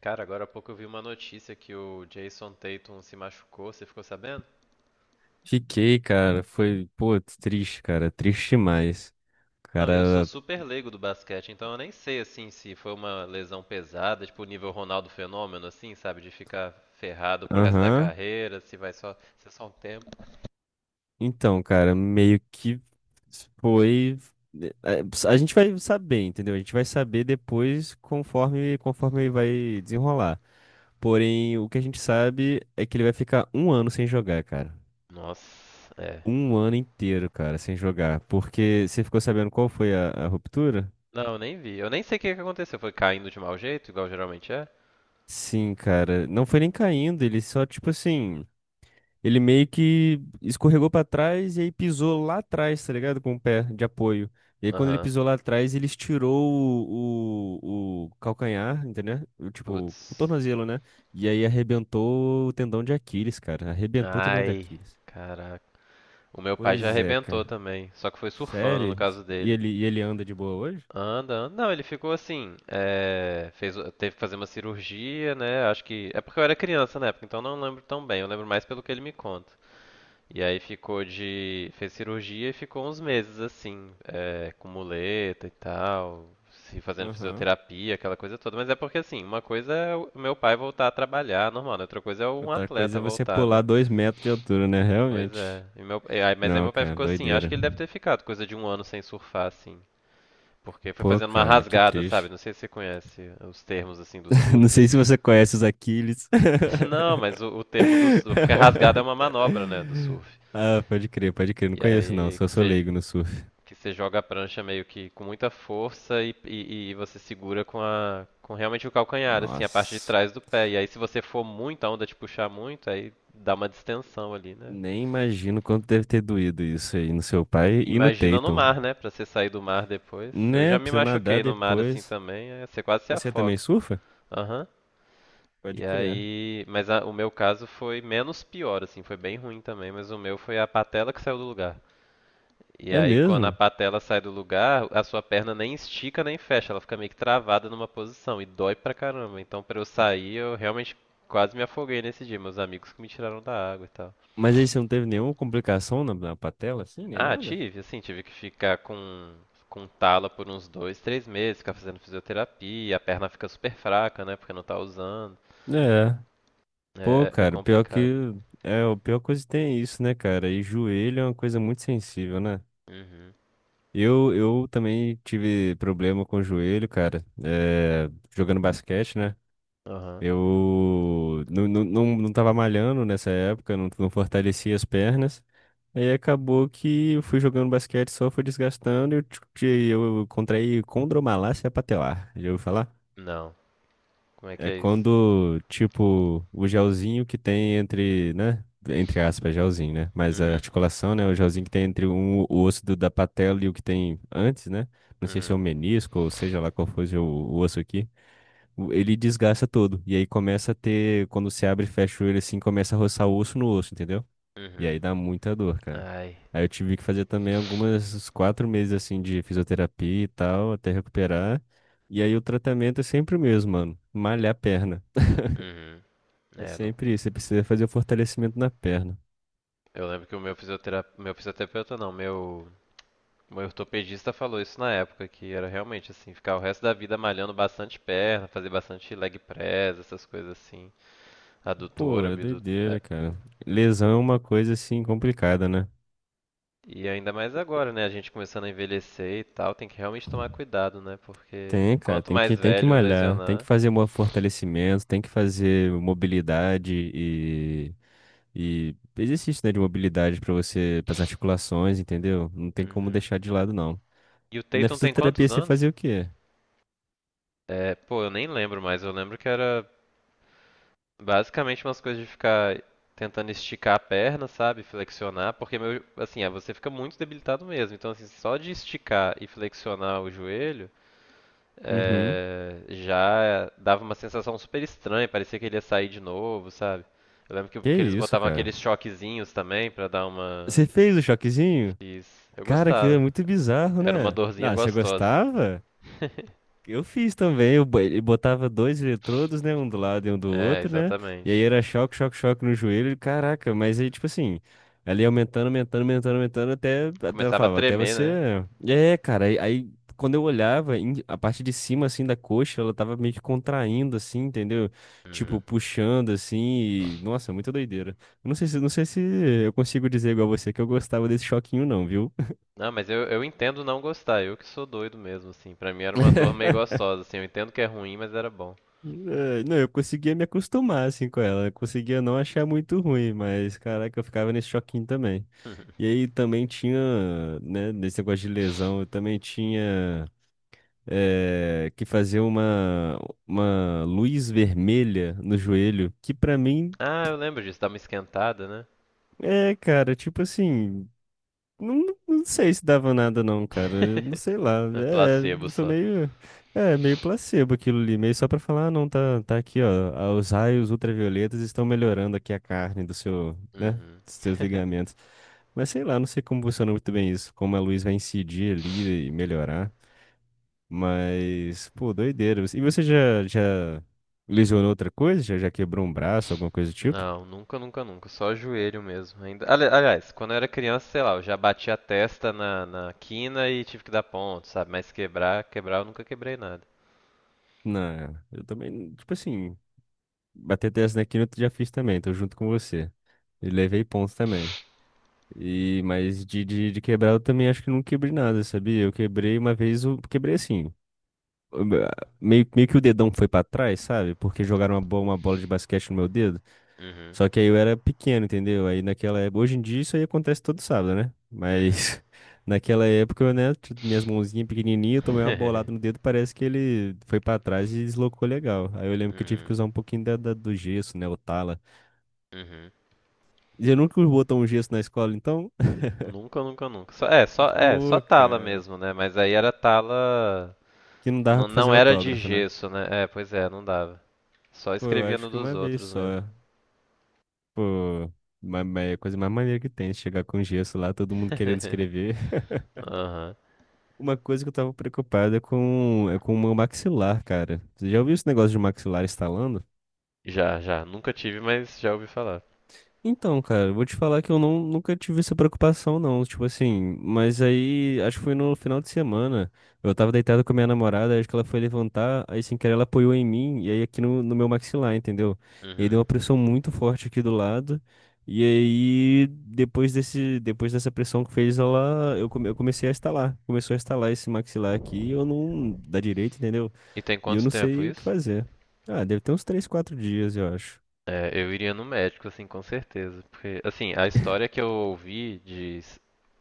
Cara, agora há pouco eu vi uma notícia que o Jason Tatum se machucou, você ficou sabendo? Fiquei, cara. Foi, pô, triste, cara. Triste demais. Não, e eu sou Cara, super leigo do basquete, então eu nem sei assim se foi uma lesão pesada, tipo o nível Ronaldo Fenômeno, assim, sabe? De ficar ferrado pro resto da aham. carreira, se vai só ser só um tempo. Então, cara, meio que foi. eh, A gente vai saber, entendeu? A gente vai saber depois conforme vai desenrolar. Porém, o que a gente sabe é que ele vai ficar um ano sem jogar, cara. Nossa, é. Um ano inteiro, cara, sem jogar. Porque você ficou sabendo qual foi a ruptura? Não, eu nem vi. Eu nem sei o que aconteceu. Foi caindo de mau jeito, igual geralmente é? Sim, cara. Não foi nem caindo, ele só, tipo assim. Ele meio que escorregou pra trás e aí pisou lá atrás, tá ligado? Com o pé de apoio. E aí, quando ele Aham. pisou lá atrás, ele estirou o calcanhar, entendeu? O, tipo, o Putz. tornozelo, né? E aí arrebentou o tendão de Aquiles, cara. Arrebentou o tendão de Ai, Aquiles. caraca. O meu pai já Pois é, arrebentou cara. também, só que foi surfando no Sério? caso dele. E ele anda de boa hoje? Anda, anda. Não, ele ficou assim. Fez, teve que fazer uma cirurgia, né? Acho que. É porque eu era criança na época, então não lembro tão bem. Eu lembro mais pelo que ele me conta. E aí ficou de. Fez cirurgia e ficou uns meses assim, com muleta e tal, se fazendo Aham. fisioterapia, aquela coisa toda. Mas é porque assim, uma coisa é o meu pai voltar a trabalhar, normal, né? Outra coisa é um Outra coisa atleta é você voltar, pular né? dois metros de altura, né? Pois é. Realmente. Mas aí Não, meu pai cara, ficou assim, acho doideira. que ele deve ter ficado coisa de um ano sem surfar, assim. Porque foi Pô, fazendo uma cara, que rasgada, sabe? triste. Não sei se você conhece os termos assim do surf. Não sei se você conhece os Aquiles. Não, mas o termo do surf, porque a rasgada é uma manobra, né, do surf. Ah, pode crer, pode crer. Não E conheço, não. aí Só sou leigo no surf. que você joga a prancha meio que com muita força e você segura com a com realmente o calcanhar, assim, a parte de Nossa, trás do pé. E aí se você for muito, a onda te puxar muito, aí dá uma distensão ali, né? nem imagino quanto deve ter doído isso aí no seu pai e no Imagina no Tatum. mar, né? Pra você sair do mar depois. Eu já Né? me Pra você nadar machuquei no mar assim depois. também, você quase se Você também afoga. surfa? Aham. Pode E crer. aí, mas o meu caso foi menos pior, assim, foi bem ruim também, mas o meu foi a patela que saiu do lugar. E É aí, quando a mesmo? patela sai do lugar, a sua perna nem estica nem fecha, ela fica meio que travada numa posição e dói pra caramba. Então, pra eu sair, eu realmente quase me afoguei nesse dia, meus amigos que me tiraram da água e tal. Mas aí você não teve nenhuma complicação na, na patela, assim, nem Ah, nada? tive, assim, tive que ficar com tala por uns dois, três meses, ficar fazendo fisioterapia, a perna fica super fraca, né, porque não tá usando. É. Pô, É, é cara, pior que. complicado. É, o pior coisa que tem é isso, né, cara? E joelho é uma coisa muito sensível, né? Uhum. Eu também tive problema com o joelho, cara, jogando basquete, né? Aham. Eu não tava malhando nessa época, não, não fortalecia as pernas. Aí acabou que eu fui jogando basquete, só foi desgastando e eu contraí condromalácia patelar. Já ouviu falar? Não. Como é que É é isso? quando, tipo, o gelzinho que tem entre, né? Entre aspas, gelzinho, né? Mas a Uhum, articulação, né? O gelzinho que tem entre um, o da patela e o que tem antes, né? Não sei se é uhum, o menisco ou seja lá qual fosse o osso aqui. Ele desgasta todo. E aí começa a ter, quando se abre e fecha ele assim, começa a roçar o osso no osso, entendeu? E uhum. aí dá muita dor, cara. Ai. Aí eu tive que fazer também algumas uns quatro meses assim de fisioterapia e tal, até recuperar. E aí o tratamento é sempre o mesmo, mano. Malhar a perna. Uhum. É É, não- sempre isso, você precisa fazer o fortalecimento na perna. eu lembro que o meu fisioterapeuta não, meu ortopedista falou isso na época, que era realmente assim, ficar o resto da vida malhando bastante perna, fazer bastante leg press, essas coisas assim, Pô, adutora, é abdutora. doideira, cara. Lesão é uma coisa assim complicada, né? E ainda mais agora, né? A gente começando a envelhecer e tal, tem que realmente tomar cuidado, né? Porque Tem, cara, quanto tem mais que, tem que velho malhar, tem que lesionar. fazer fortalecimento, tem que fazer mobilidade e exercício, né, de mobilidade pra você, para articulações, entendeu? Não tem como Uhum. deixar de lado, não. E o E na Tatum tem fisioterapia quantos você anos? fazia o quê? É, pô, eu nem lembro mais. Eu lembro que era basicamente umas coisas de ficar tentando esticar a perna, sabe? Flexionar, porque meu, assim, ah, você fica muito debilitado mesmo. Então, assim, só de esticar e flexionar o joelho, Uhum. Já dava uma sensação super estranha. Parecia que ele ia sair de novo, sabe? Eu lembro Que que eles isso, botavam cara? aqueles choquezinhos também pra dar uma. Você fez o choquezinho? Fiz. Eu Cara, aquilo é gostava. muito bizarro, Era uma né? dorzinha Ah, você gostosa. gostava? Eu fiz também, ele botava dois eletrodos, né, um do lado e um do É, outro, né, e aí exatamente. era choque, choque, choque no joelho, e caraca, mas aí, tipo assim, ela ia aumentando, até, até ela Começava a falava, até tremer, né? você... É, cara, aí quando eu olhava, a parte de cima, assim, da coxa, ela tava meio que contraindo, assim, entendeu? Uhum. Tipo, puxando, assim, e... Nossa, muita doideira. Eu não sei se eu consigo dizer igual você que eu gostava desse choquinho, não, viu? Não, mas eu entendo não gostar, eu que sou doido mesmo, assim. Pra mim era uma dor meio gostosa, assim. Eu entendo que é ruim, mas era bom. É, não, eu conseguia me acostumar assim com ela, eu conseguia não achar muito ruim, mas caraca, eu ficava nesse choquinho também. E aí também tinha, né, nesse negócio de lesão, eu também tinha que fazer uma luz vermelha no joelho, que pra mim Ah, eu lembro disso, dá uma esquentada, né? é, cara, tipo assim. Não, não sei se dava nada não, cara. Não sei lá. É É, placebo eu sou só. meio, é, meio placebo aquilo ali, meio só pra falar, ah, não, tá, tá aqui, ó. Ah, Os raios ultravioletas estão melhorando aqui a carne do seu, né, Uhum. dos seus ligamentos. Mas sei lá, não sei como funciona muito bem isso, como a luz vai incidir ali e melhorar. Mas, pô, doideira. E você já lesionou outra coisa? Já, já quebrou um braço, alguma coisa do tipo? Não, nunca, nunca, nunca. Só joelho mesmo. Ainda... Aliás, quando eu era criança, sei lá, eu já bati a testa na, na quina e tive que dar ponto, sabe? Mas quebrar, quebrar eu nunca quebrei nada. Não, eu também, tipo assim, bater 10 na quina eu já fiz também, tô junto com você. E levei pontos também. E, mas de quebrar eu também acho que não quebrei nada, sabia? Eu quebrei uma vez, eu quebrei assim. eu- meio que o dedão foi pra trás, sabe? Porque jogaram uma bola de basquete no meu dedo. Uhum, Só que aí eu era pequeno, entendeu? Aí naquela época. Hoje em dia isso aí acontece todo sábado, né? uhum. Mas naquela época, eu, né? Minhas mãozinhas pequenininhas, eu tomei uma bolada no dedo, parece que ele foi pra trás e deslocou legal. Aí eu lembro que eu tive que Uhum, usar um pouquinho do gesso, né? O tala. uhum. Você nunca botou um gesso na escola, então? Nunca, nunca, nunca. Só Pô, tala cara. mesmo, né? Mas aí era tala. Que não dava pra Não fazer era de autógrafo, né? gesso, né? É, pois é, não dava. Só Pô, eu escrevia acho no que dos uma vez outros só. mesmo. Pô, é a coisa mais maneira que tem, chegar com gesso lá, todo mundo querendo escrever. Aham. Uma coisa que eu tava preocupado é com o meu maxilar, cara. Você já ouviu esse negócio de maxilar estalando? Já, já. Nunca tive, mas já ouvi falar. Então, cara, eu vou te falar que eu não, nunca tive essa preocupação, não. Tipo assim, mas aí, acho que foi no final de semana. Eu tava deitado com a minha namorada, acho que ela foi levantar, aí sem querer ela apoiou em mim, e aí aqui no, no meu maxilar, entendeu? E aí deu Uhum. uma pressão muito forte aqui do lado. E aí, depois dessa pressão que fez, ela, eu comecei a estalar. Começou a estalar esse maxilar aqui, e eu não, da direita, entendeu? E tem E eu quanto não tempo sei o que isso? fazer. Ah, deve ter uns 3, 4 dias, eu acho. É, eu iria no médico, assim, com certeza. Porque, assim, a história que eu ouvi de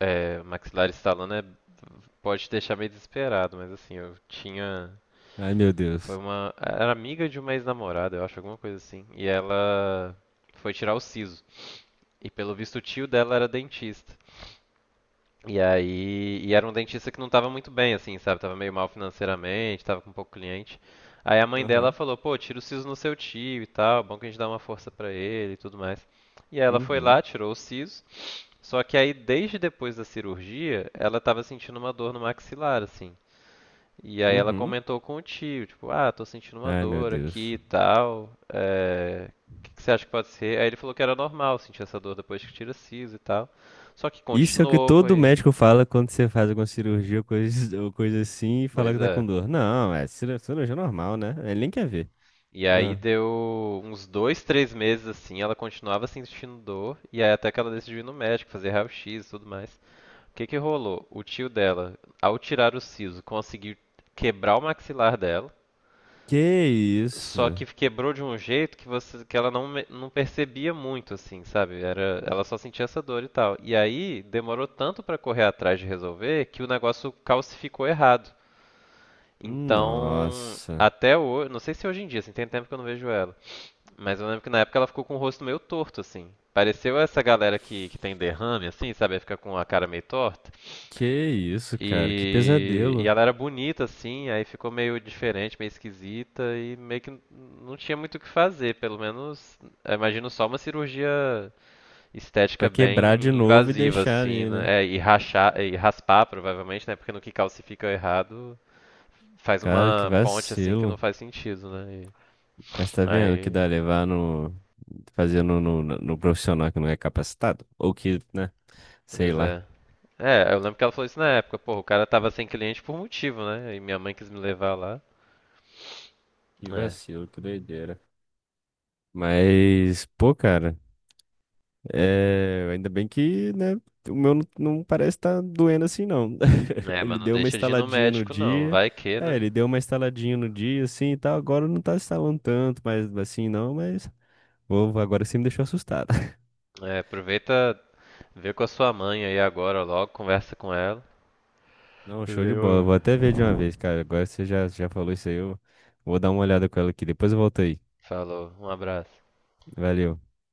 maxilar estalando pode te deixar meio desesperado, mas assim, eu tinha. Ai, meu Foi Deus. uma. Era amiga de uma ex-namorada, eu acho, alguma coisa assim. E ela foi tirar o siso. E pelo visto o tio dela era dentista. E aí. E era um dentista que não tava muito bem, assim, sabe? Tava meio mal financeiramente, tava com pouco cliente. Aí a mãe dela Aham. falou: pô, tira o siso no seu tio e tal, bom que a gente dá uma força pra ele e tudo mais. E aí ela foi lá, Uhum, tirou o siso. Só que aí, desde depois da cirurgia, ela tava sentindo uma dor no maxilar, assim. E aí ela uhum. comentou com o tio, tipo, ah, tô sentindo uma Ai, meu dor aqui Deus. e tal. É... O que você acha que pode ser? Aí ele falou que era normal sentir essa dor depois que tira siso e tal. Só que Isso é o que continuou, todo foi. médico fala quando você faz alguma cirurgia ou coisa assim e fala Pois que tá com é. dor. Não, cirurgia normal, né? Ele nem quer ver. E aí Ah, deu uns dois, três meses assim, ela continuava sentindo dor, e aí até que ela decidiu ir no médico, fazer raio-x e tudo mais. O que rolou? O tio dela, ao tirar o siso, conseguiu quebrar o maxilar dela. que Só isso? que quebrou de um jeito que você, que ela não, não percebia muito, assim, sabe? Era, ela só sentia essa dor e tal. E aí demorou tanto pra correr atrás de resolver que o negócio calcificou errado. Então, Nossa. até hoje, não sei se hoje em dia, assim, tem tempo que eu não vejo ela. Mas eu lembro que na época ela ficou com o rosto meio torto, assim. Pareceu essa galera que tem derrame, assim, sabe? Aí fica com a cara meio torta. Que isso, cara? Que E pesadelo. ela era bonita, assim, aí ficou meio diferente, meio esquisita, e meio que não tinha muito o que fazer, pelo menos, eu imagino só uma cirurgia estética Pra quebrar de bem novo e invasiva, deixar assim, ali, né? né? É, e rachar, e raspar, provavelmente, né? Porque no que calcifica errado, faz Cara, que uma ponte, assim, que não vacilo. faz sentido, né? E, Mas tá vendo que aí, dá levar no. Fazer no, no profissional que não é capacitado? Ou que, né? Sei pois lá. é. É, eu lembro que ela falou isso na época, pô, o cara tava sem cliente por motivo, né? E minha mãe quis me levar lá. Que É, vacilo, que doideira. Mas, pô, cara, é... ainda bem que, né, o meu não, não parece estar doendo assim, não. Mas Ele não deu uma deixa de ir no estaladinha no médico, não, dia, vai que, né? ele deu uma estaladinha no dia, assim, e tal, agora não tá estalando tanto, mas assim, não, mas... Vou, agora você me deixou assustado. É, aproveita, vê com a sua mãe aí agora logo, conversa com ela. Não, show de Valeu. bola, vou até ver de uma vez, cara, agora você já falou isso aí, eu vou dar uma olhada com ela aqui, depois eu volto aí. Falou, um abraço. Valeu.